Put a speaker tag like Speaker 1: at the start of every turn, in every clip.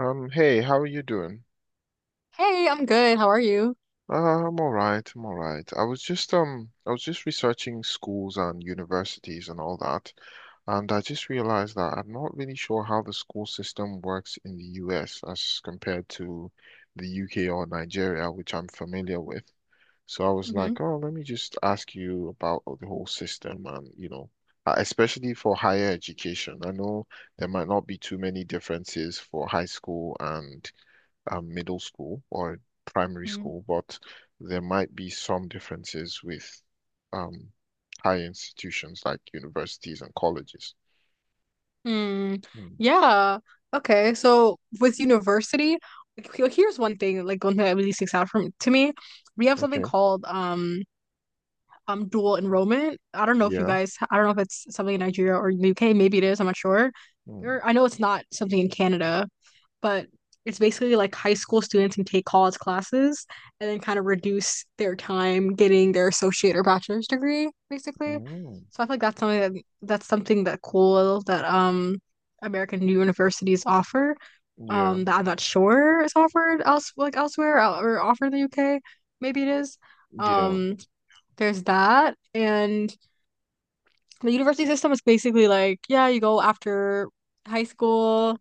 Speaker 1: Hey, how are you doing?
Speaker 2: Hey, I'm good. How are you?
Speaker 1: Uh, I'm all right. I was just researching schools and universities and all that, and I just realized that I'm not really sure how the school system works in the US as compared to the UK or Nigeria, which I'm familiar with. So I was
Speaker 2: Hmm.
Speaker 1: like, oh, let me just ask you about the whole system and, especially for higher education. I know there might not be too many differences for high school and middle school or primary
Speaker 2: Hmm.
Speaker 1: school, but there might be some differences with um, high institutions like universities and colleges.
Speaker 2: Hmm.
Speaker 1: Mm,
Speaker 2: Yeah. Okay. So with university, like, here's one thing, like one thing that really sticks out from to me. We have something
Speaker 1: okay.
Speaker 2: called dual enrollment. I don't know if you
Speaker 1: Yeah.
Speaker 2: guys, I don't know if it's something in Nigeria or the UK. Maybe it is. I'm not sure.
Speaker 1: Mm,
Speaker 2: Or I know it's not something in Canada, but it's basically like high school students can take college classes and then kind of reduce their time getting their associate or bachelor's degree, basically.
Speaker 1: mm,
Speaker 2: So I feel like that's something that's something that cool that American universities offer.
Speaker 1: yeah.
Speaker 2: That I'm not sure is offered elsewhere, or offered in the UK. Maybe it is.
Speaker 1: Yeah.
Speaker 2: Um, there's that, and the university system is basically like, yeah, you go after high school,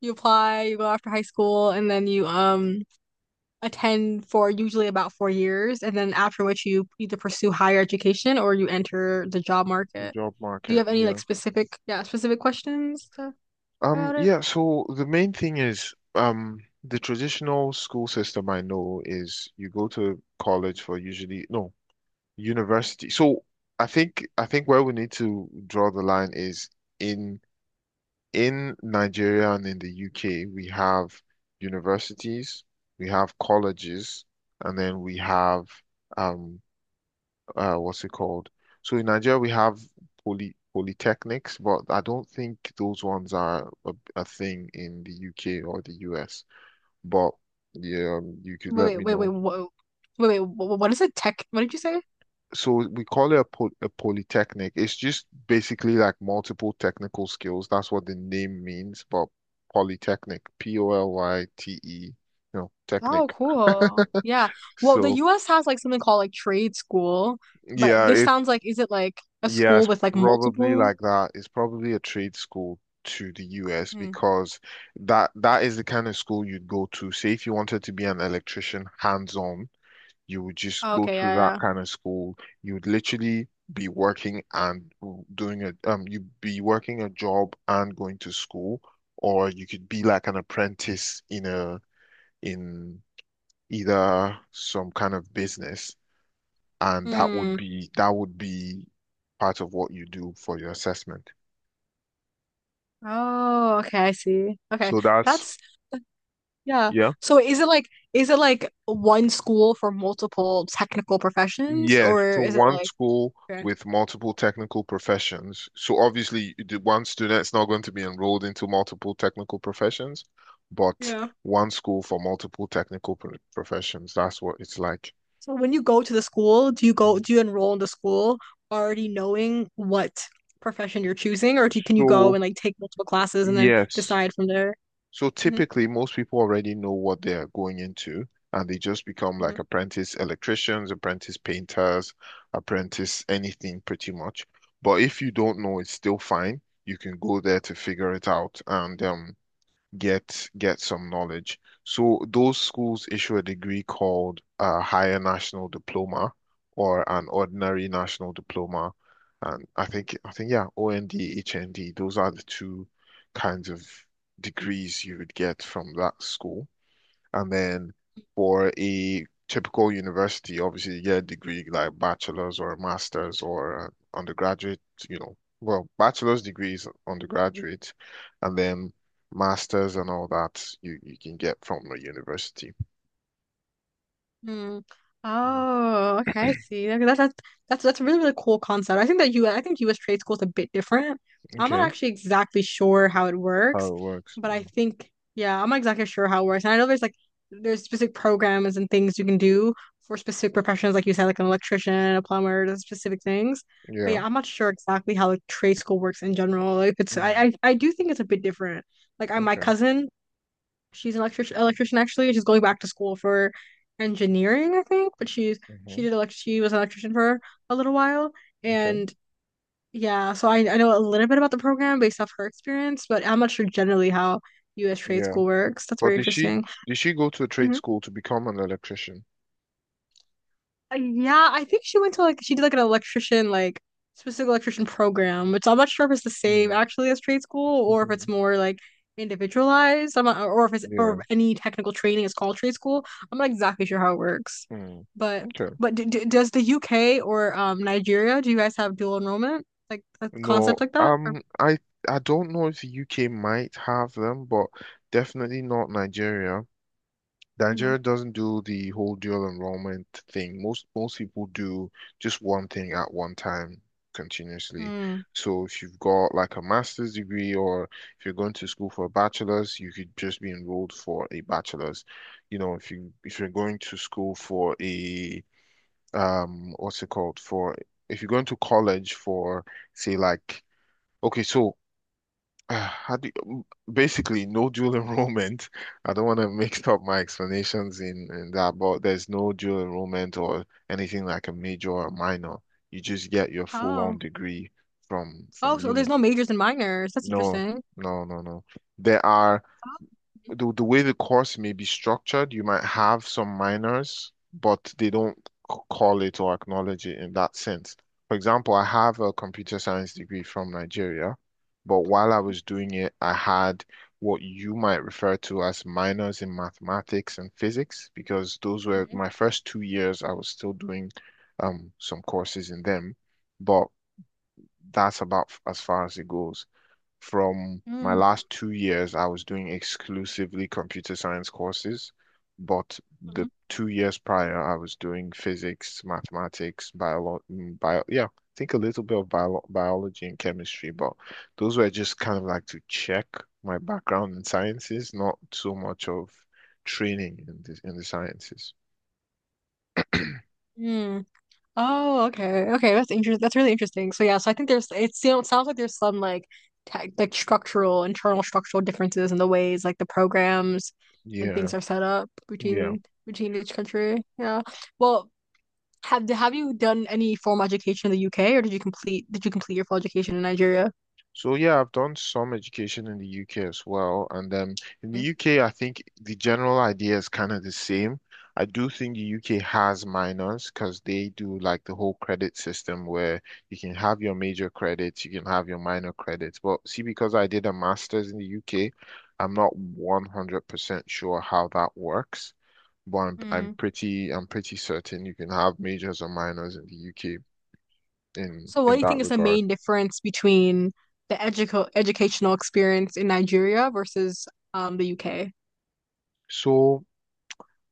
Speaker 2: you apply, you go after high school, and then you attend for usually about 4 years, and then after which you either pursue higher education or you enter the job
Speaker 1: The
Speaker 2: market.
Speaker 1: job
Speaker 2: Do you
Speaker 1: market.
Speaker 2: have any like
Speaker 1: Yeah.
Speaker 2: specific questions about it?
Speaker 1: Yeah, so the main thing is the traditional school system I know is you go to college for usually no, university. So I think where we need to draw the line is in in Nigeria and in the UK, we have universities, we have colleges, and then we have um what's it called? So in Nigeria we have polytechnics, but I don't think those ones are a thing in the UK or the US. But yeah, you could let
Speaker 2: Wait, wait,
Speaker 1: me
Speaker 2: wait, wait,
Speaker 1: know
Speaker 2: whoa. Wait, what is a tech? What did you say?
Speaker 1: so we call it a polytechnic. It's just basically like multiple technical skills. That's what the name means, but polytechnic, POLYTE, you know, technic.
Speaker 2: Oh, cool. Yeah. Well, the
Speaker 1: So
Speaker 2: US has like something called like trade school, but
Speaker 1: yeah,
Speaker 2: this
Speaker 1: it
Speaker 2: sounds like, is it like a
Speaker 1: yeah,
Speaker 2: school
Speaker 1: it's
Speaker 2: with like
Speaker 1: probably
Speaker 2: multiple?
Speaker 1: like that. It's probably a trade school to the US
Speaker 2: Hmm.
Speaker 1: because that is the kind of school you'd go to. Say if you wanted to be an electrician hands-on, you would just
Speaker 2: Oh,
Speaker 1: go
Speaker 2: okay,
Speaker 1: to that
Speaker 2: yeah, yeah.
Speaker 1: kind of school. You would literally be working and doing a you'd be working a job and going to school, or you could be like an apprentice in a in either some kind of business, and that would
Speaker 2: Hmm.
Speaker 1: be that would be part of what you do for your assessment.
Speaker 2: Oh, okay, I see. Okay.
Speaker 1: So that's
Speaker 2: That's yeah.
Speaker 1: yeah.
Speaker 2: So is it like one school for multiple technical professions
Speaker 1: Yes,
Speaker 2: or
Speaker 1: so
Speaker 2: is it
Speaker 1: one
Speaker 2: like
Speaker 1: school
Speaker 2: okay.
Speaker 1: with multiple technical professions. So obviously, the one student's not going to be enrolled into multiple technical professions, but
Speaker 2: Yeah.
Speaker 1: one school for multiple professions. That's what it's like.
Speaker 2: So when you go to the school, do you enroll in the school already knowing what profession you're choosing, or do you, can you go
Speaker 1: So,
Speaker 2: and like take multiple classes and then
Speaker 1: yes.
Speaker 2: decide from there?
Speaker 1: So
Speaker 2: Mm-hmm.
Speaker 1: typically, most people already know what they're going into, and they just become
Speaker 2: Mm-hmm.
Speaker 1: like apprentice electricians, apprentice painters, apprentice anything pretty much. But if you don't know, it's still fine. You can go there to figure it out. And get some knowledge. So those schools issue a degree called a higher national diploma or an ordinary national diploma. And I think yeah, OND, HND, those are the two kinds of degrees you would get from that school. And then for a typical university, obviously you get a degree like bachelor's or a master's or an undergraduate, you know, well, bachelor's degrees undergraduate, and then master's and all that you can get from a university.
Speaker 2: Hmm.
Speaker 1: Mm,
Speaker 2: Oh, okay, I see. Okay, that's that's a really cool concept. I think that you I think US trade school is a bit different. I'm not
Speaker 1: okay,
Speaker 2: actually exactly sure how it
Speaker 1: how
Speaker 2: works,
Speaker 1: it works.
Speaker 2: but I
Speaker 1: Mm,
Speaker 2: think yeah, I'm not exactly sure how it works. And I know there's like there's specific programs and things you can do for specific professions, like you said, like an electrician, a plumber, those specific things. But
Speaker 1: yeah.
Speaker 2: yeah, I'm not sure exactly how like trade school works in general. Like it's
Speaker 1: Mm,
Speaker 2: I do think it's a bit different. Like my
Speaker 1: okay.
Speaker 2: cousin, she's an electrician, actually. She's going back to school for engineering, I think, but
Speaker 1: Hmm.
Speaker 2: she did elect she was an electrician for a little while.
Speaker 1: Okay.
Speaker 2: And yeah, so I know a little bit about the program based off her experience, but I'm not sure generally how US trade
Speaker 1: Yeah.
Speaker 2: school works. That's
Speaker 1: But
Speaker 2: very interesting.
Speaker 1: did she go to a trade
Speaker 2: Mhm.
Speaker 1: school to become an electrician?
Speaker 2: Yeah, I think she went to like she did like an electrician like specific electrician program, which I'm not sure if it's the same
Speaker 1: Mm.
Speaker 2: actually as trade school, or if it's more like individualized. I'm not, or if it's or
Speaker 1: Yeah.
Speaker 2: if any technical training is called trade school. I'm not exactly sure how it works,
Speaker 1: Mm.
Speaker 2: but
Speaker 1: Okay.
Speaker 2: but d d does the UK or Nigeria, do you guys have dual enrollment, like a concept
Speaker 1: No,
Speaker 2: like that? Or,
Speaker 1: I don't know if the UK might have them, but definitely not Nigeria.
Speaker 2: hmm.
Speaker 1: Nigeria doesn't do the whole dual enrollment thing. Most people do just one thing at one time continuously.
Speaker 2: Mm.
Speaker 1: So if you've got like a master's degree or if you're going to school for a bachelor's, you could just be enrolled for a bachelor's. You know, if you if you're going to school for a what's it called? For if you're going to college for say like okay, so uh, how do you, basically no dual enrollment. I don't want to mix up my explanations in that, but there's no dual enrollment or anything like a major or minor. You just get your full-on
Speaker 2: Oh,
Speaker 1: degree from
Speaker 2: oh,
Speaker 1: from
Speaker 2: so there's
Speaker 1: uni.
Speaker 2: no majors and minors. That's
Speaker 1: No,
Speaker 2: interesting.
Speaker 1: no, no, no. There are
Speaker 2: Oh.
Speaker 1: the way the course may be structured, you might have some minors, but they don't call it or acknowledge it in that sense. For example, I have a computer science degree from Nigeria, but while I was doing it, I had what you might refer to as minors in mathematics and physics, because those were
Speaker 2: Mhm.
Speaker 1: my first two years. I was still doing some courses in them, but as far as it goes from my
Speaker 2: Mhm.
Speaker 1: last two years, I was doing exclusively computer science courses, but
Speaker 2: Mhm.
Speaker 1: the
Speaker 2: Mm.
Speaker 1: two years prior, I was doing physics, mathematics, yeah, I think a little bit of biology and chemistry, but those were just kind of like to check my background in sciences, not so much of training in the sciences.
Speaker 2: Mhm. Oh, okay. Okay, that's interesting. That's really interesting. So yeah, so I think there's it sounds like there's some like tech like structural, internal structural differences in the ways like the programs and
Speaker 1: Yeah,
Speaker 2: things are set up
Speaker 1: yeah.
Speaker 2: between each country. Yeah. Well, have you done any formal education in the UK, or did you complete your full education in Nigeria?
Speaker 1: So yeah, I've done some education in the UK as well, and in the UK, I think the general idea is kind of the same. I do think the UK has minors because they do like the whole credit system where you can have your major credits, you can have your minor credits. But see, because I did a master's in the UK, I'm not 100% sure how that works, but I'm
Speaker 2: Mm.
Speaker 1: pretty certain you can have majors or minors in the UK in
Speaker 2: So what
Speaker 1: in
Speaker 2: do you think
Speaker 1: that
Speaker 2: is the
Speaker 1: regard.
Speaker 2: main difference between the educo educational experience in Nigeria versus the UK?
Speaker 1: So.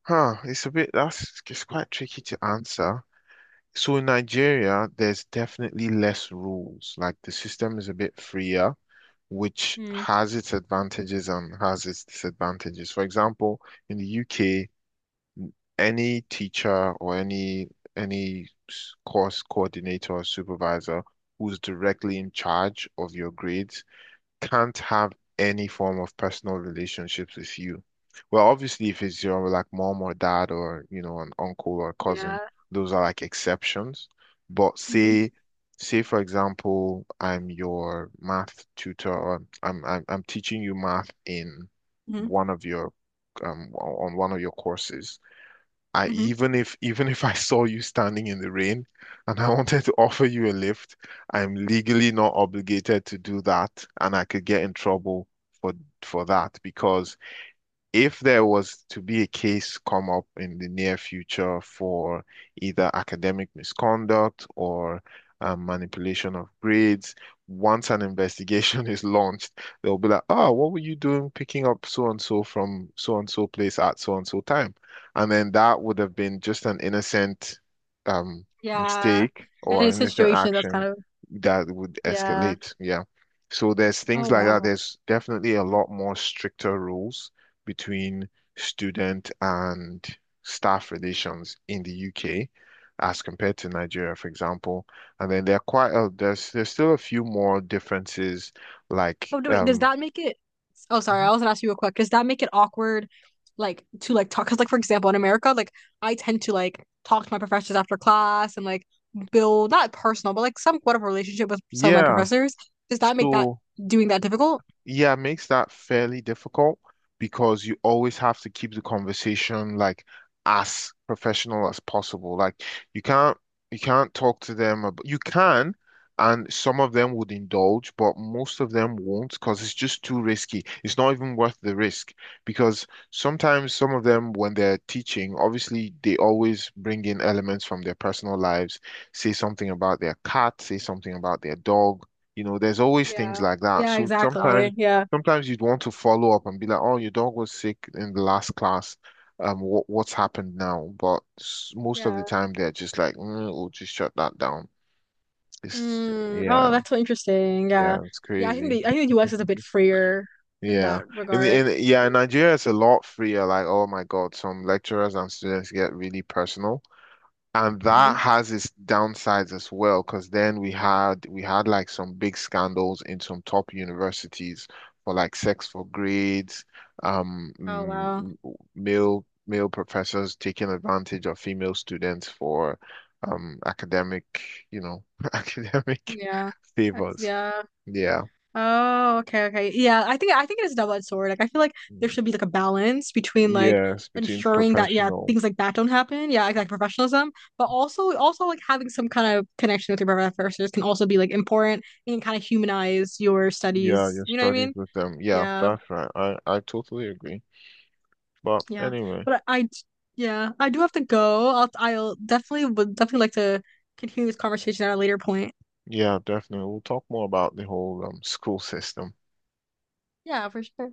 Speaker 1: Huh, it's a bit that's it's quite tricky to answer. So in Nigeria, there's definitely less rules. Like the system is a bit freer, which
Speaker 2: Mm.
Speaker 1: has its advantages and has its disadvantages. For example, in the UK, any teacher or any any course coordinator or supervisor who's directly in charge of your grades can't have any form of personal relationships with you. Well, obviously, if it's your like mom or dad or you know an uncle or cousin,
Speaker 2: Yeah.
Speaker 1: those are like exceptions. But
Speaker 2: Mm-hmm.
Speaker 1: say for example, I'm your math tutor, or I'm teaching you math in
Speaker 2: Mm-hmm.
Speaker 1: one of your on one of your courses I
Speaker 2: Mm-hmm.
Speaker 1: even if I saw you standing in the rain and I wanted to offer you a lift, I'm legally not obligated to do that, and I could get in trouble for for that because if there was to be a case come up in the near future for either academic misconduct or manipulation of grades, once an investigation is launched, they'll be like, oh, what were you doing picking up so and so from so and so place at so and so time? And then that would have been just an innocent um,
Speaker 2: Yeah.
Speaker 1: mistake
Speaker 2: And
Speaker 1: or
Speaker 2: it's a
Speaker 1: innocent
Speaker 2: situation that's kind
Speaker 1: action
Speaker 2: of
Speaker 1: that would
Speaker 2: yeah.
Speaker 1: escalate. Yeah. So there's things
Speaker 2: Oh
Speaker 1: like that.
Speaker 2: wow.
Speaker 1: There's definitely a
Speaker 2: Mm.
Speaker 1: lot more stricter rules between student and staff relations in the UK as compared to Nigeria, for example. And then there are quite there's still a few more differences like
Speaker 2: Oh do- wait, does that make it Oh sorry,
Speaker 1: mhm.
Speaker 2: I was gonna ask you real quick. Does that make it awkward like to like talk? Because like for example in America, like I tend to like talk to my professors after class and like build not personal, but like somewhat of a relationship with some of my
Speaker 1: Yeah.
Speaker 2: professors. Does that make that
Speaker 1: So
Speaker 2: Doing that difficult?
Speaker 1: yeah, it makes that fairly difficult because you always have to keep the conversation like as professional as possible. Like you can't you can't talk to them about, you can and some of them would indulge, but most of them won't because it's just too risky. It's not even worth the risk because sometimes some of them when they're teaching, obviously they always bring in elements from their personal lives, say something about their cat, say something about their dog. You know, there's always things
Speaker 2: Yeah.
Speaker 1: like that.
Speaker 2: Yeah,
Speaker 1: So
Speaker 2: exactly. Yeah.
Speaker 1: sometimes you'd want to follow up and be like, oh, your dog was sick in the last class. What's happened now? But most of
Speaker 2: Yeah.
Speaker 1: the time, they're just like, mm, we'll just shut that down. It's
Speaker 2: Mm,
Speaker 1: yeah,
Speaker 2: oh, that's so interesting. Yeah.
Speaker 1: yeah, it's
Speaker 2: Yeah,
Speaker 1: crazy.
Speaker 2: I think the US is a bit freer in
Speaker 1: Yeah,
Speaker 2: that
Speaker 1: in
Speaker 2: regard.
Speaker 1: the in yeah, in Nigeria, it's a lot freer. Like, oh my God, some lecturers and students get really personal. And that
Speaker 2: Mm-hmm.
Speaker 1: has its downsides as well, because then we had like some big scandals in some top universities for like sex for grades, um,
Speaker 2: Oh wow.
Speaker 1: mm, male professors taking advantage of female students for academic, you know, academic
Speaker 2: Yeah. That's
Speaker 1: favors.
Speaker 2: yeah.
Speaker 1: Yeah.
Speaker 2: Oh, okay, okay. Yeah, I think it is a double-edged sword. Like I feel like there
Speaker 1: Mm.
Speaker 2: should be like a balance between like
Speaker 1: Yes, between
Speaker 2: ensuring that yeah,
Speaker 1: professional.
Speaker 2: things like that don't happen. Yeah, like professionalism, but also like having some kind of connection with your professors can also be like important and kind of humanize your
Speaker 1: Yeah,
Speaker 2: studies.
Speaker 1: your
Speaker 2: You know what I
Speaker 1: studies
Speaker 2: mean?
Speaker 1: with them. Yeah,
Speaker 2: Yeah.
Speaker 1: that's right. I totally agree. But
Speaker 2: Yeah.
Speaker 1: anyway.
Speaker 2: But I d- yeah, I do have to go. I'll definitely would definitely like to continue this conversation at a later point.
Speaker 1: Yeah, definitely. We'll talk more about the whole school system
Speaker 2: Yeah, for sure.